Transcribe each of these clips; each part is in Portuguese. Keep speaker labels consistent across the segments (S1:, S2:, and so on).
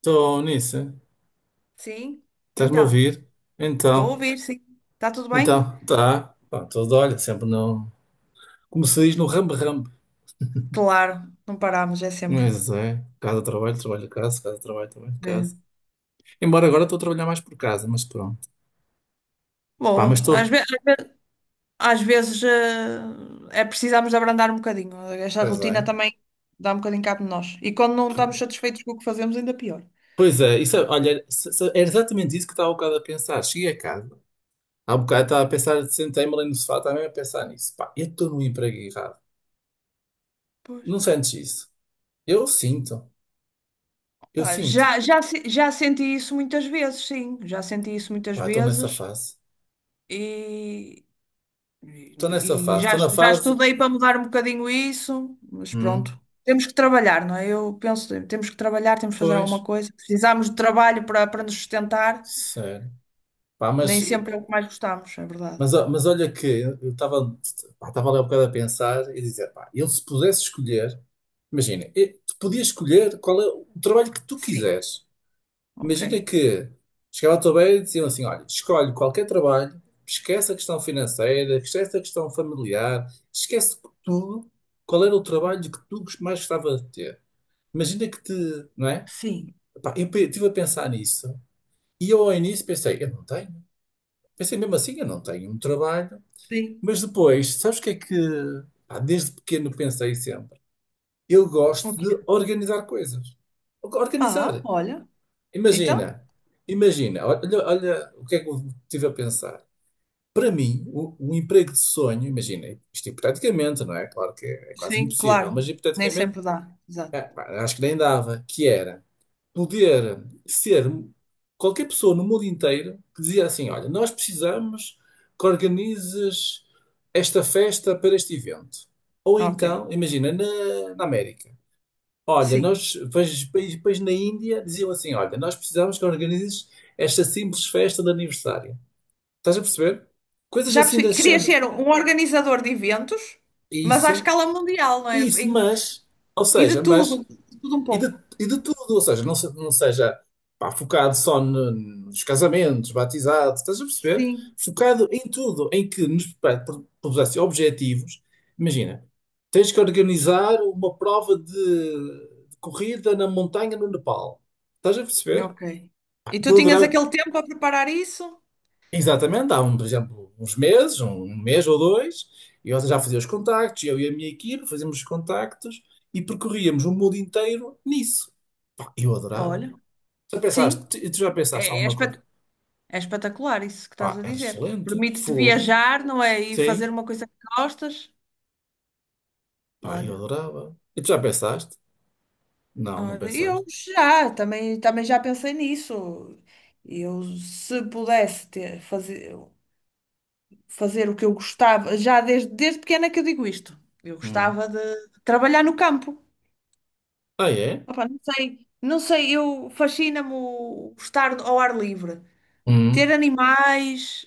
S1: Estou nisso.
S2: Sim,
S1: Estás-me a
S2: então,
S1: ouvir?
S2: estou a
S1: Então,
S2: ouvir, sim. Está tudo bem?
S1: então, tá. Pá, tudo, olha, sempre não. Como se diz no rambe-rambe.
S2: Claro, não paramos, é sempre.
S1: Mas é, casa, trabalho, trabalho, casa, casa, trabalho, trabalho, casa.
S2: Mesmo.
S1: Embora agora estou a trabalhar mais por casa, mas pronto. Pá, mas
S2: Bom,
S1: estou.
S2: às vezes, é precisamos de abrandar um bocadinho. Esta
S1: Pois
S2: rotina
S1: é.
S2: também dá um bocadinho cabo de nós. E quando não estamos satisfeitos com o que fazemos, ainda pior.
S1: Pois é, isso, olha, era exatamente isso que estava um bocado a pensar. Cheguei a casa, há um bocado estava a pensar, sentei-me ali no sofá, estava mesmo a pensar nisso. Pá, eu estou no emprego errado.
S2: Pois.
S1: Não sentes isso? Eu sinto, eu
S2: Pá,
S1: sinto.
S2: já, já, se- já senti isso muitas vezes, sim. Já senti isso muitas
S1: Pá, estou nessa
S2: vezes.
S1: fase.
S2: E,
S1: Estou nessa fase. Estou na
S2: Já
S1: fase.
S2: estudei para mudar um bocadinho isso, mas pronto.
S1: Hum.
S2: Temos que trabalhar, não é? Eu penso, temos que trabalhar, temos que fazer
S1: Pois,
S2: alguma coisa. Precisamos de trabalho para nos sustentar.
S1: sério. Pá,
S2: Nem
S1: mas,
S2: sempre é o que mais gostamos, é verdade.
S1: mas, mas olha que eu estava ali um bocado a pensar e dizer, pá, ele se pudesse escolher, imagina, tu podias escolher qual é o trabalho que tu
S2: Sim,
S1: quiseres.
S2: ok.
S1: Imagina que chegava à tua beira e diziam assim, olha, escolhe qualquer trabalho, esquece a questão financeira, esquece a questão familiar, esquece tudo, qual era o trabalho que tu mais gostava de ter. Imagina que te, não é?
S2: Sim,
S1: Pá, eu estive a pensar nisso. E eu ao início pensei, eu não tenho. Pensei mesmo assim, eu não tenho um trabalho.
S2: sim.
S1: Mas depois, sabes o que é que. Pá, desde pequeno pensei sempre. Eu gosto
S2: Ok.
S1: de organizar coisas.
S2: Ah,
S1: Organizar.
S2: olha. Então,
S1: Imagina, imagina, olha, olha o que é que eu estive a pensar. Para mim, o emprego de sonho, imagina, isto hipoteticamente, não é? Claro que é, é quase
S2: sim,
S1: impossível,
S2: claro.
S1: mas
S2: Nem
S1: hipoteticamente,
S2: sempre dá.
S1: é,
S2: Exato.
S1: pá, acho que nem dava, que era. Poder ser qualquer pessoa no mundo inteiro que dizia assim: olha, nós precisamos que organizes esta festa para este evento. Ou
S2: Ok.
S1: então, imagina, na, na América. Olha,
S2: Sim.
S1: nós, depois na Índia diziam assim: olha, nós precisamos que organizes esta simples festa de aniversário. Estás a perceber? Coisas
S2: Já
S1: assim
S2: percebi.
S1: desse
S2: Querias
S1: género.
S2: ser um organizador de eventos, mas à
S1: Isso,
S2: escala mundial, não é?
S1: isso,
S2: Em-
S1: mas, ou
S2: e
S1: seja, mas.
S2: de tudo um
S1: E de,
S2: pouco.
S1: e de tudo, ou seja, não, não seja, pá, focado só nos casamentos, batizados, estás a perceber?
S2: Sim.
S1: Focado em tudo, em que nos propusesse objetivos. Imagina, tens que organizar uma prova de, corrida na montanha no Nepal. Estás a perceber?
S2: Ok.
S1: Pá,
S2: E tu
S1: eu
S2: tinhas
S1: adorava,
S2: aquele tempo a preparar isso?
S1: exatamente, há um, por exemplo, uns meses, um mês ou dois, eu já fazia os contactos, eu e a minha equipe fazíamos os contactos e percorríamos o mundo inteiro nisso. Pá, eu adorava.
S2: Olha,
S1: Já
S2: sim,
S1: pensaste, e tu já pensaste
S2: é, é
S1: alguma coisa?
S2: espet- é espetacular isso que estás
S1: Pá,
S2: a
S1: era
S2: dizer.
S1: excelente,
S2: Permite-te
S1: fogo,
S2: viajar, não é? E fazer
S1: sim,
S2: uma coisa que gostas.
S1: pá, eu
S2: Olha,
S1: adorava. E tu já pensaste? Não, não
S2: olha, eu
S1: pensaste.
S2: já, também já pensei nisso. Eu, se pudesse ter, fazer, fazer o que eu gostava, desde pequena que eu digo isto. Eu
S1: Hum.
S2: gostava de trabalhar no campo.
S1: Ah, é?
S2: Opa, não sei, eu fascina-me o estar ao ar livre. Ter
S1: Hum.
S2: animais,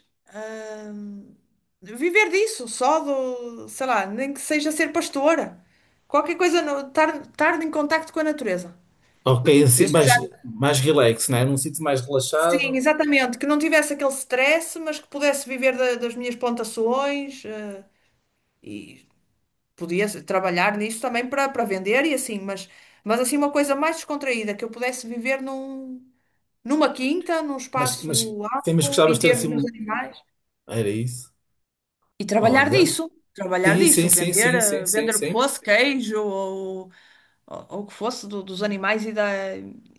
S2: hum, viver disso, só do, sei lá, nem que seja ser pastora, qualquer coisa, no- estar em contacto com a natureza.
S1: Ok, assim,
S2: Eu sou já,
S1: mais relax, né? Num sítio mais
S2: sim,
S1: relaxado,
S2: exatamente, que não tivesse aquele stress, mas que pudesse viver da- das minhas plantações, e podia trabalhar nisso também para vender e assim, mas assim uma coisa mais descontraída, que eu pudesse viver num, numa quinta, num espaço
S1: sim, mas
S2: amplo
S1: gostavas
S2: e
S1: de ter
S2: ter os
S1: assim
S2: meus
S1: um.
S2: animais.
S1: Era isso?
S2: E
S1: Olha.
S2: trabalhar
S1: Sim,
S2: disso,
S1: sim, sim,
S2: vender,
S1: sim, sim, sim,
S2: vender o que
S1: sim.
S2: fosse, queijo ou, ou o que fosse do- dos animais e, da,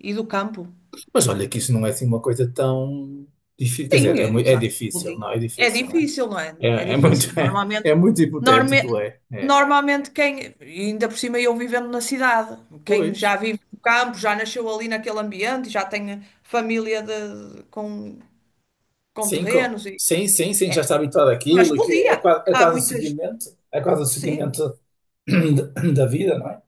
S2: e do campo.
S1: Mas olha que isso não é assim uma coisa tão difícil. Quer
S2: Sim,
S1: dizer, é, é
S2: exato.
S1: difícil, não,
S2: Podia.
S1: é
S2: É
S1: difícil, não É,
S2: difícil, não é? É
S1: É, é muito,
S2: difícil.
S1: é,
S2: Normalmente,
S1: é muito hipotético,
S2: norme,
S1: é.
S2: normalmente quem, e ainda por cima eu vivendo na cidade, quem
S1: Pois.
S2: já vive no campo, já nasceu ali naquele ambiente, já tem família de- com
S1: Sim,
S2: terrenos, e,
S1: sim, sim, sim, já está habituado
S2: mas
S1: àquilo, que é,
S2: podia.
S1: é
S2: Há
S1: quase um
S2: muitas,
S1: seguimento, é quase um
S2: sim.
S1: seguimento da vida, não é?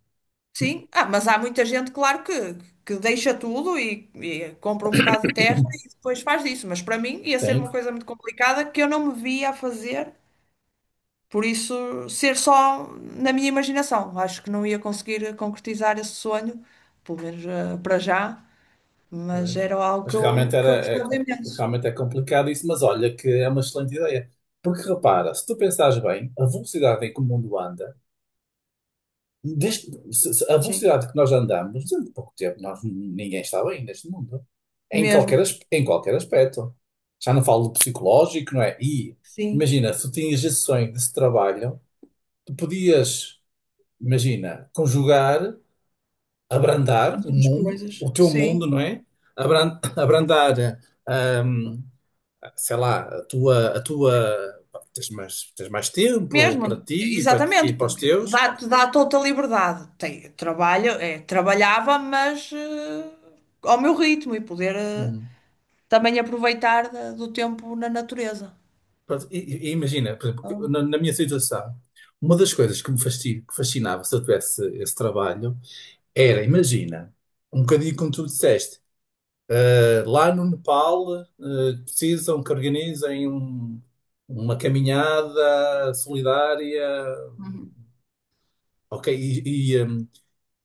S2: Sim, ah, mas há muita gente, claro, que deixa tudo e compra um bocado de terra e depois faz disso. Mas para mim ia ser
S1: Sim,
S2: uma coisa muito complicada que eu não me via a fazer, por isso ser só na minha imaginação. Acho que não ia conseguir concretizar esse sonho, pelo menos para já, mas
S1: pois.
S2: era algo
S1: Mas realmente
S2: que
S1: era,
S2: eu
S1: é,
S2: gostava imenso.
S1: realmente é complicado isso, mas olha que é uma excelente ideia. Porque repara, se tu pensares bem, a velocidade em que o mundo anda, desde, a
S2: Sim,
S1: velocidade que nós andamos, durante pouco tempo, nós, ninguém está bem neste mundo. Em qualquer,
S2: mesmo,
S1: em qualquer aspecto. Já não falo do psicológico, não é? E
S2: sim.
S1: imagina, se tu tinhas gestões sonho desse trabalho. Tu podias, imagina, conjugar, abrandar
S2: Nós
S1: o
S2: temos
S1: mundo,
S2: coisas,
S1: o teu mundo,
S2: sim.
S1: não é? Abrandar, hum, sei lá, a tua, tens mais tempo para
S2: Mesmo,
S1: ti e
S2: exatamente,
S1: para os
S2: porque
S1: teus.
S2: dá-te dá toda a liberdade. Tem, trabalho, é, trabalhava, mas ao meu ritmo e poder
S1: Hum.
S2: também aproveitar da- do tempo na natureza.
S1: Pronto. E imagina, por exemplo, que
S2: Então,
S1: na, na minha situação, uma das coisas que me que fascinava se eu tivesse esse trabalho era, imagina, um bocadinho como tu disseste. Lá no Nepal, precisam que organizem uma caminhada solidária,
S2: uhum,
S1: ok,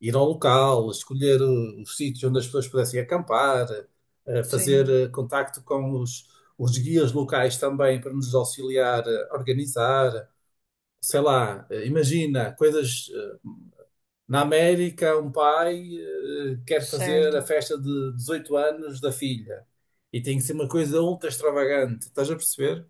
S1: ir ao local, escolher os sítios onde as pessoas pudessem acampar, fazer
S2: sim,
S1: contacto com os guias locais também para nos auxiliar a organizar, sei lá, imagina coisas. Na América, um pai quer fazer a
S2: certo.
S1: festa de 18 anos da filha e tem que ser uma coisa ultra extravagante, estás a perceber?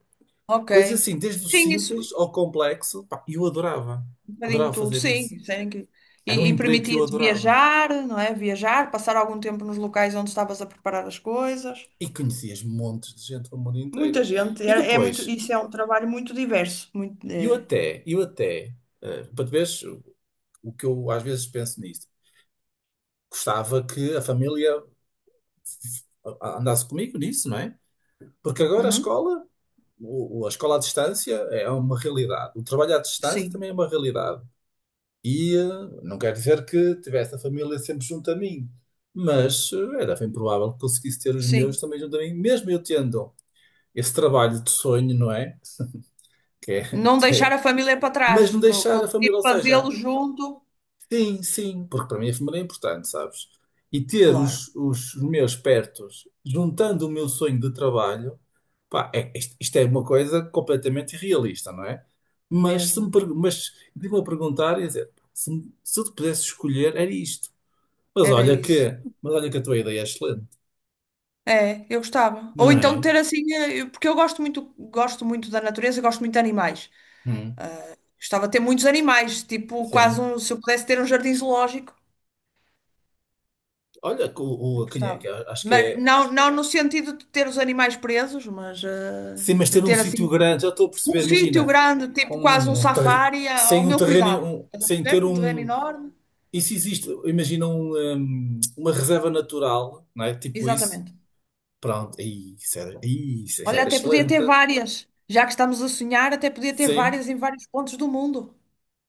S2: Ok.
S1: Coisas assim, desde o
S2: Sim, isso, um
S1: simples ao complexo. Pá, eu adorava,
S2: bocadinho
S1: adorava
S2: tudo,
S1: fazer
S2: sim.
S1: isso.
S2: Isso é incrível.
S1: Era um
S2: E
S1: emprego que eu
S2: permitia-te
S1: adorava.
S2: viajar, não é? Viajar, passar algum tempo nos locais onde estavas a preparar as coisas.
S1: E conhecias montes de gente do mundo
S2: Muita
S1: inteiro.
S2: gente,
S1: E
S2: é, é muito,
S1: depois,
S2: isso é um trabalho muito diverso, muito, é.
S1: eu até, para tu veres o que eu às vezes penso nisto, gostava que a família f- andasse comigo nisso, não é? Porque agora a
S2: Uhum,
S1: escola. A escola à distância é uma realidade. O trabalho à distância
S2: sim.
S1: também é uma realidade. E não quer dizer que tivesse a família sempre junto a mim, mas era bem provável que conseguisse ter os meus
S2: Sim.
S1: também junto a mim, mesmo eu tendo esse trabalho de sonho, não é? Que é,
S2: Não deixar a família para
S1: mas
S2: trás,
S1: não
S2: co-
S1: deixar a família,
S2: conseguir
S1: ou seja.
S2: fazê-lo junto.
S1: Sim, sim, porque para mim a família é importante, sabes? E ter
S2: Claro,
S1: os meus pertos, juntando o meu sonho de trabalho, pá, é, isto é uma coisa completamente irrealista, não é? Mas se me,
S2: mesmo.
S1: mas de me a perguntar, ia dizer, se eu te pudesse escolher, era isto. Mas
S2: Era
S1: olha
S2: isso.
S1: que, mas olha que, a tua ideia é excelente,
S2: É, eu gostava. Ou
S1: não
S2: então
S1: é?
S2: ter assim, eu- porque eu gosto muito da natureza, gosto muito de animais.
S1: Hum,
S2: Gostava de ter muitos animais, tipo quase
S1: sim.
S2: um, se eu pudesse ter um jardim zoológico,
S1: Olha, que o,
S2: eu
S1: quem é que
S2: gostava.
S1: é? Acho que
S2: Mas
S1: é.
S2: não, não no sentido de ter os animais presos, mas
S1: Sim, mas
S2: de
S1: ter um
S2: ter
S1: sítio
S2: assim
S1: grande, já estou a
S2: um
S1: perceber,
S2: sítio
S1: imagina,
S2: grande, tipo quase um safari, a- ao
S1: sem um
S2: meu
S1: terreno,
S2: cuidado. Estás a
S1: sem
S2: perceber?
S1: ter
S2: Um terreno
S1: um.
S2: enorme.
S1: Isso existe, imagina uma reserva natural, não é? Tipo isso.
S2: Exatamente.
S1: Pronto, aí, isso
S2: Olha,
S1: era
S2: até podia
S1: excelente.
S2: ter várias. Já que estamos a sonhar, até podia ter
S1: Sim,
S2: várias em vários pontos do mundo.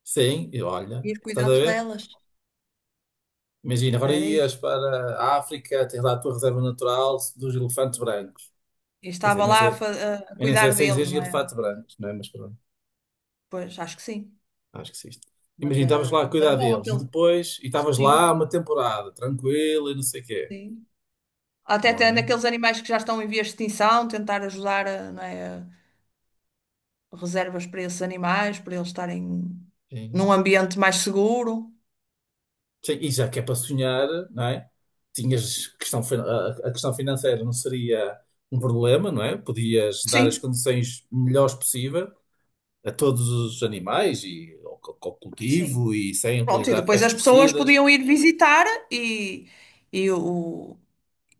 S1: sim, e olha,
S2: Ir
S1: estás a
S2: cuidando
S1: ver?
S2: delas.
S1: Imagina, agora
S2: Era
S1: ias
S2: isso.
S1: para a África, tens lá a tua reserva natural dos elefantes brancos.
S2: Eu
S1: Quer dizer,
S2: estava
S1: nem
S2: lá a,
S1: sei,
S2: fa- a
S1: eu nem sei
S2: cuidar
S1: se
S2: deles,
S1: existe
S2: não é?
S1: elefante branco, não é? Mas pronto.
S2: Pois, acho que sim.
S1: Acho que sim. Imagina, estavas lá a
S2: Mas era
S1: cuidar
S2: bom
S1: deles e
S2: aquele.
S1: depois, e estavas lá
S2: Sim,
S1: uma temporada, tranquilo e não sei o quê.
S2: sim. Até tendo
S1: Olha,
S2: aqueles animais que já estão em vias de extinção, tentar ajudar, a, não é, a reservas para esses animais, para eles estarem
S1: sim.
S2: num ambiente mais seguro.
S1: Sim, e já que é para sonhar, não é? Tinhas questão, a questão financeira não seria um problema, não é? Podias dar as
S2: Sim.
S1: condições melhores possível a todos os animais e ao, ao
S2: Sim.
S1: cultivo e sem
S2: Pronto, e
S1: utilizar
S2: depois as pessoas
S1: pesticidas.
S2: podiam ir visitar e o,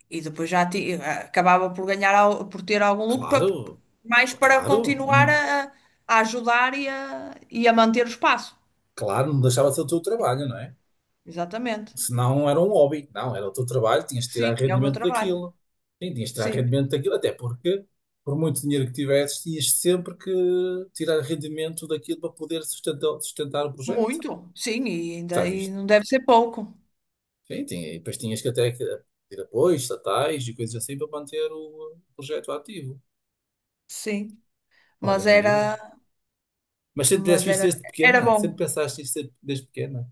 S2: e depois já ti- acabava por ganhar, al- por ter algum lucro, pa-
S1: Claro,
S2: mais para
S1: claro,
S2: continuar a ajudar e a manter o espaço.
S1: claro, não deixava de ser o teu trabalho, não é?
S2: Exatamente.
S1: Senão era um hobby. Não, era o teu trabalho, tinhas de tirar
S2: Sim, é o meu
S1: rendimento
S2: trabalho.
S1: daquilo. Sim, tinhas de tirar
S2: Sim,
S1: rendimento daquilo, até porque, por muito dinheiro que tivesses, tinhas sempre que tirar rendimento daquilo para poder sustentar, sustentar o projeto.
S2: muito. Sim, e
S1: Já
S2: ainda e
S1: viste?
S2: não deve ser pouco.
S1: Sim, tinha, e depois tinhas que até que ter apoios estatais e coisas assim para manter o projeto ativo.
S2: Sim,
S1: Olha,
S2: mas
S1: grande ideia.
S2: era,
S1: Mas sempre tivesse
S2: mas
S1: visto
S2: era,
S1: desde
S2: era
S1: pequena, sempre
S2: bom.
S1: pensaste isto desde pequena.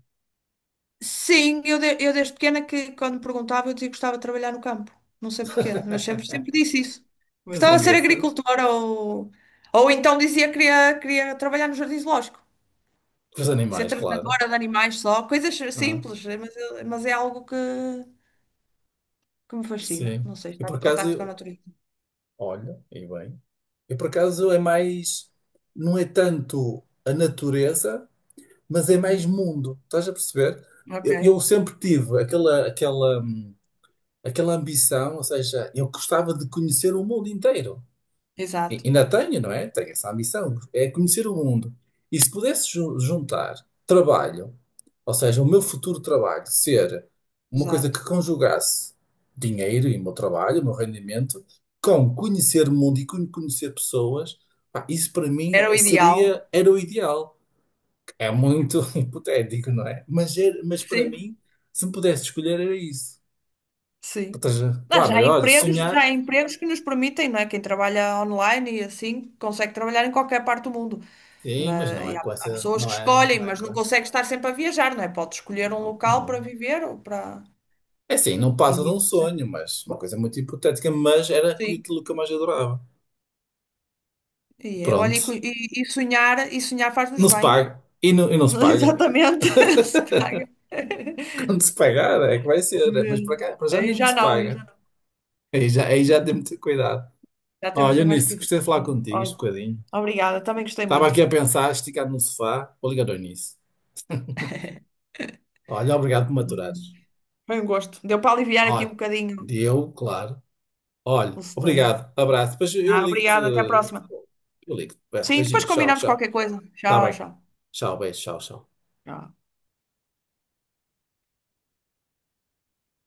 S2: Sim, eu, de- eu desde pequena que quando me perguntava eu dizia que gostava de trabalhar no campo. Não sei porquê, mas sempre, sempre disse isso.
S1: Mas é
S2: Gostava de ser
S1: engraçado.
S2: agricultora ou então dizia que queria, queria trabalhar no jardim zoológico.
S1: Com os
S2: Ser
S1: animais, claro.
S2: tratadora de animais só, coisas
S1: Ah,
S2: simples, mas, eu- mas é algo que me fascina.
S1: sim.
S2: Não sei,
S1: E
S2: estar
S1: por
S2: em
S1: acaso,
S2: contato com a natureza.
S1: olha, e bem, e por acaso é mais, não é tanto a natureza, mas é mais
S2: Uhum.
S1: mundo. Estás a perceber?
S2: Ok,
S1: Eu sempre tive aquela, aquela, aquela ambição, ou seja, eu gostava de conhecer o mundo inteiro.
S2: exato,
S1: Ainda tenho, não é? Tenho essa ambição, é conhecer o mundo. E se pudesse juntar trabalho, ou seja, o meu futuro trabalho, ser uma coisa que
S2: exato.
S1: conjugasse dinheiro e o meu trabalho, o meu rendimento, com conhecer o mundo e conhecer pessoas, pá, isso para mim
S2: Era o ideal.
S1: seria, era o ideal. É muito hipotético, não é? Mas, mas para
S2: Sim.
S1: mim, se me pudesse escolher, era isso. Ou
S2: Sim.
S1: seja,
S2: Ah,
S1: pá, mas olha,
S2: já
S1: sonhar,
S2: há empregos que nos permitem, não é? Quem trabalha online e assim consegue trabalhar em qualquer parte do mundo.
S1: sim, mas
S2: Mas,
S1: não
S2: e
S1: é
S2: há,
S1: com
S2: há
S1: essa,
S2: pessoas
S1: não
S2: que
S1: é,
S2: escolhem,
S1: não é
S2: mas não
S1: com,
S2: consegue estar sempre a viajar, não é? Pode escolher um
S1: não,
S2: local para
S1: não.
S2: viver ou para
S1: É assim, não
S2: e-
S1: passa de um sonho, mas uma coisa muito hipotética, mas era
S2: sim.
S1: aquilo que eu mais adorava.
S2: E, é, olha,
S1: Pronto.
S2: e, cu- e sonhar faz-nos
S1: Não se
S2: bem.
S1: paga. E não se
S2: Não,
S1: paga.
S2: exatamente. Não se paga.
S1: Quando se pagar é que vai ser. Mas para
S2: Mesmo.
S1: cá, para já ainda não se
S2: Aí já
S1: paga. Aí
S2: não.
S1: já tem muito cuidado.
S2: Já temos de
S1: Olha,
S2: ter mais
S1: nisso,
S2: cuidado.
S1: gostei de falar contigo este
S2: Olha,
S1: bocadinho.
S2: obrigada, também gostei
S1: Estava
S2: muito.
S1: aqui a pensar, esticado no sofá, vou ligar ao nisso. Olha, obrigado por me aturares.
S2: Foi um gosto. Deu para aliviar aqui um
S1: Olha,
S2: bocadinho
S1: deu, claro.
S2: o
S1: Olha,
S2: stress.
S1: obrigado, abraço. Depois eu
S2: Ah,
S1: ligo-te.
S2: obrigada, até à próxima.
S1: Eu ligo-te. Bem,
S2: Sim,
S1: beijinho,
S2: depois
S1: tchau,
S2: combinamos
S1: tchau.
S2: qualquer coisa.
S1: Tá
S2: Tchau,
S1: bem.
S2: tchau.
S1: Tchau, beijo, tchau, tchau.
S2: Tchau.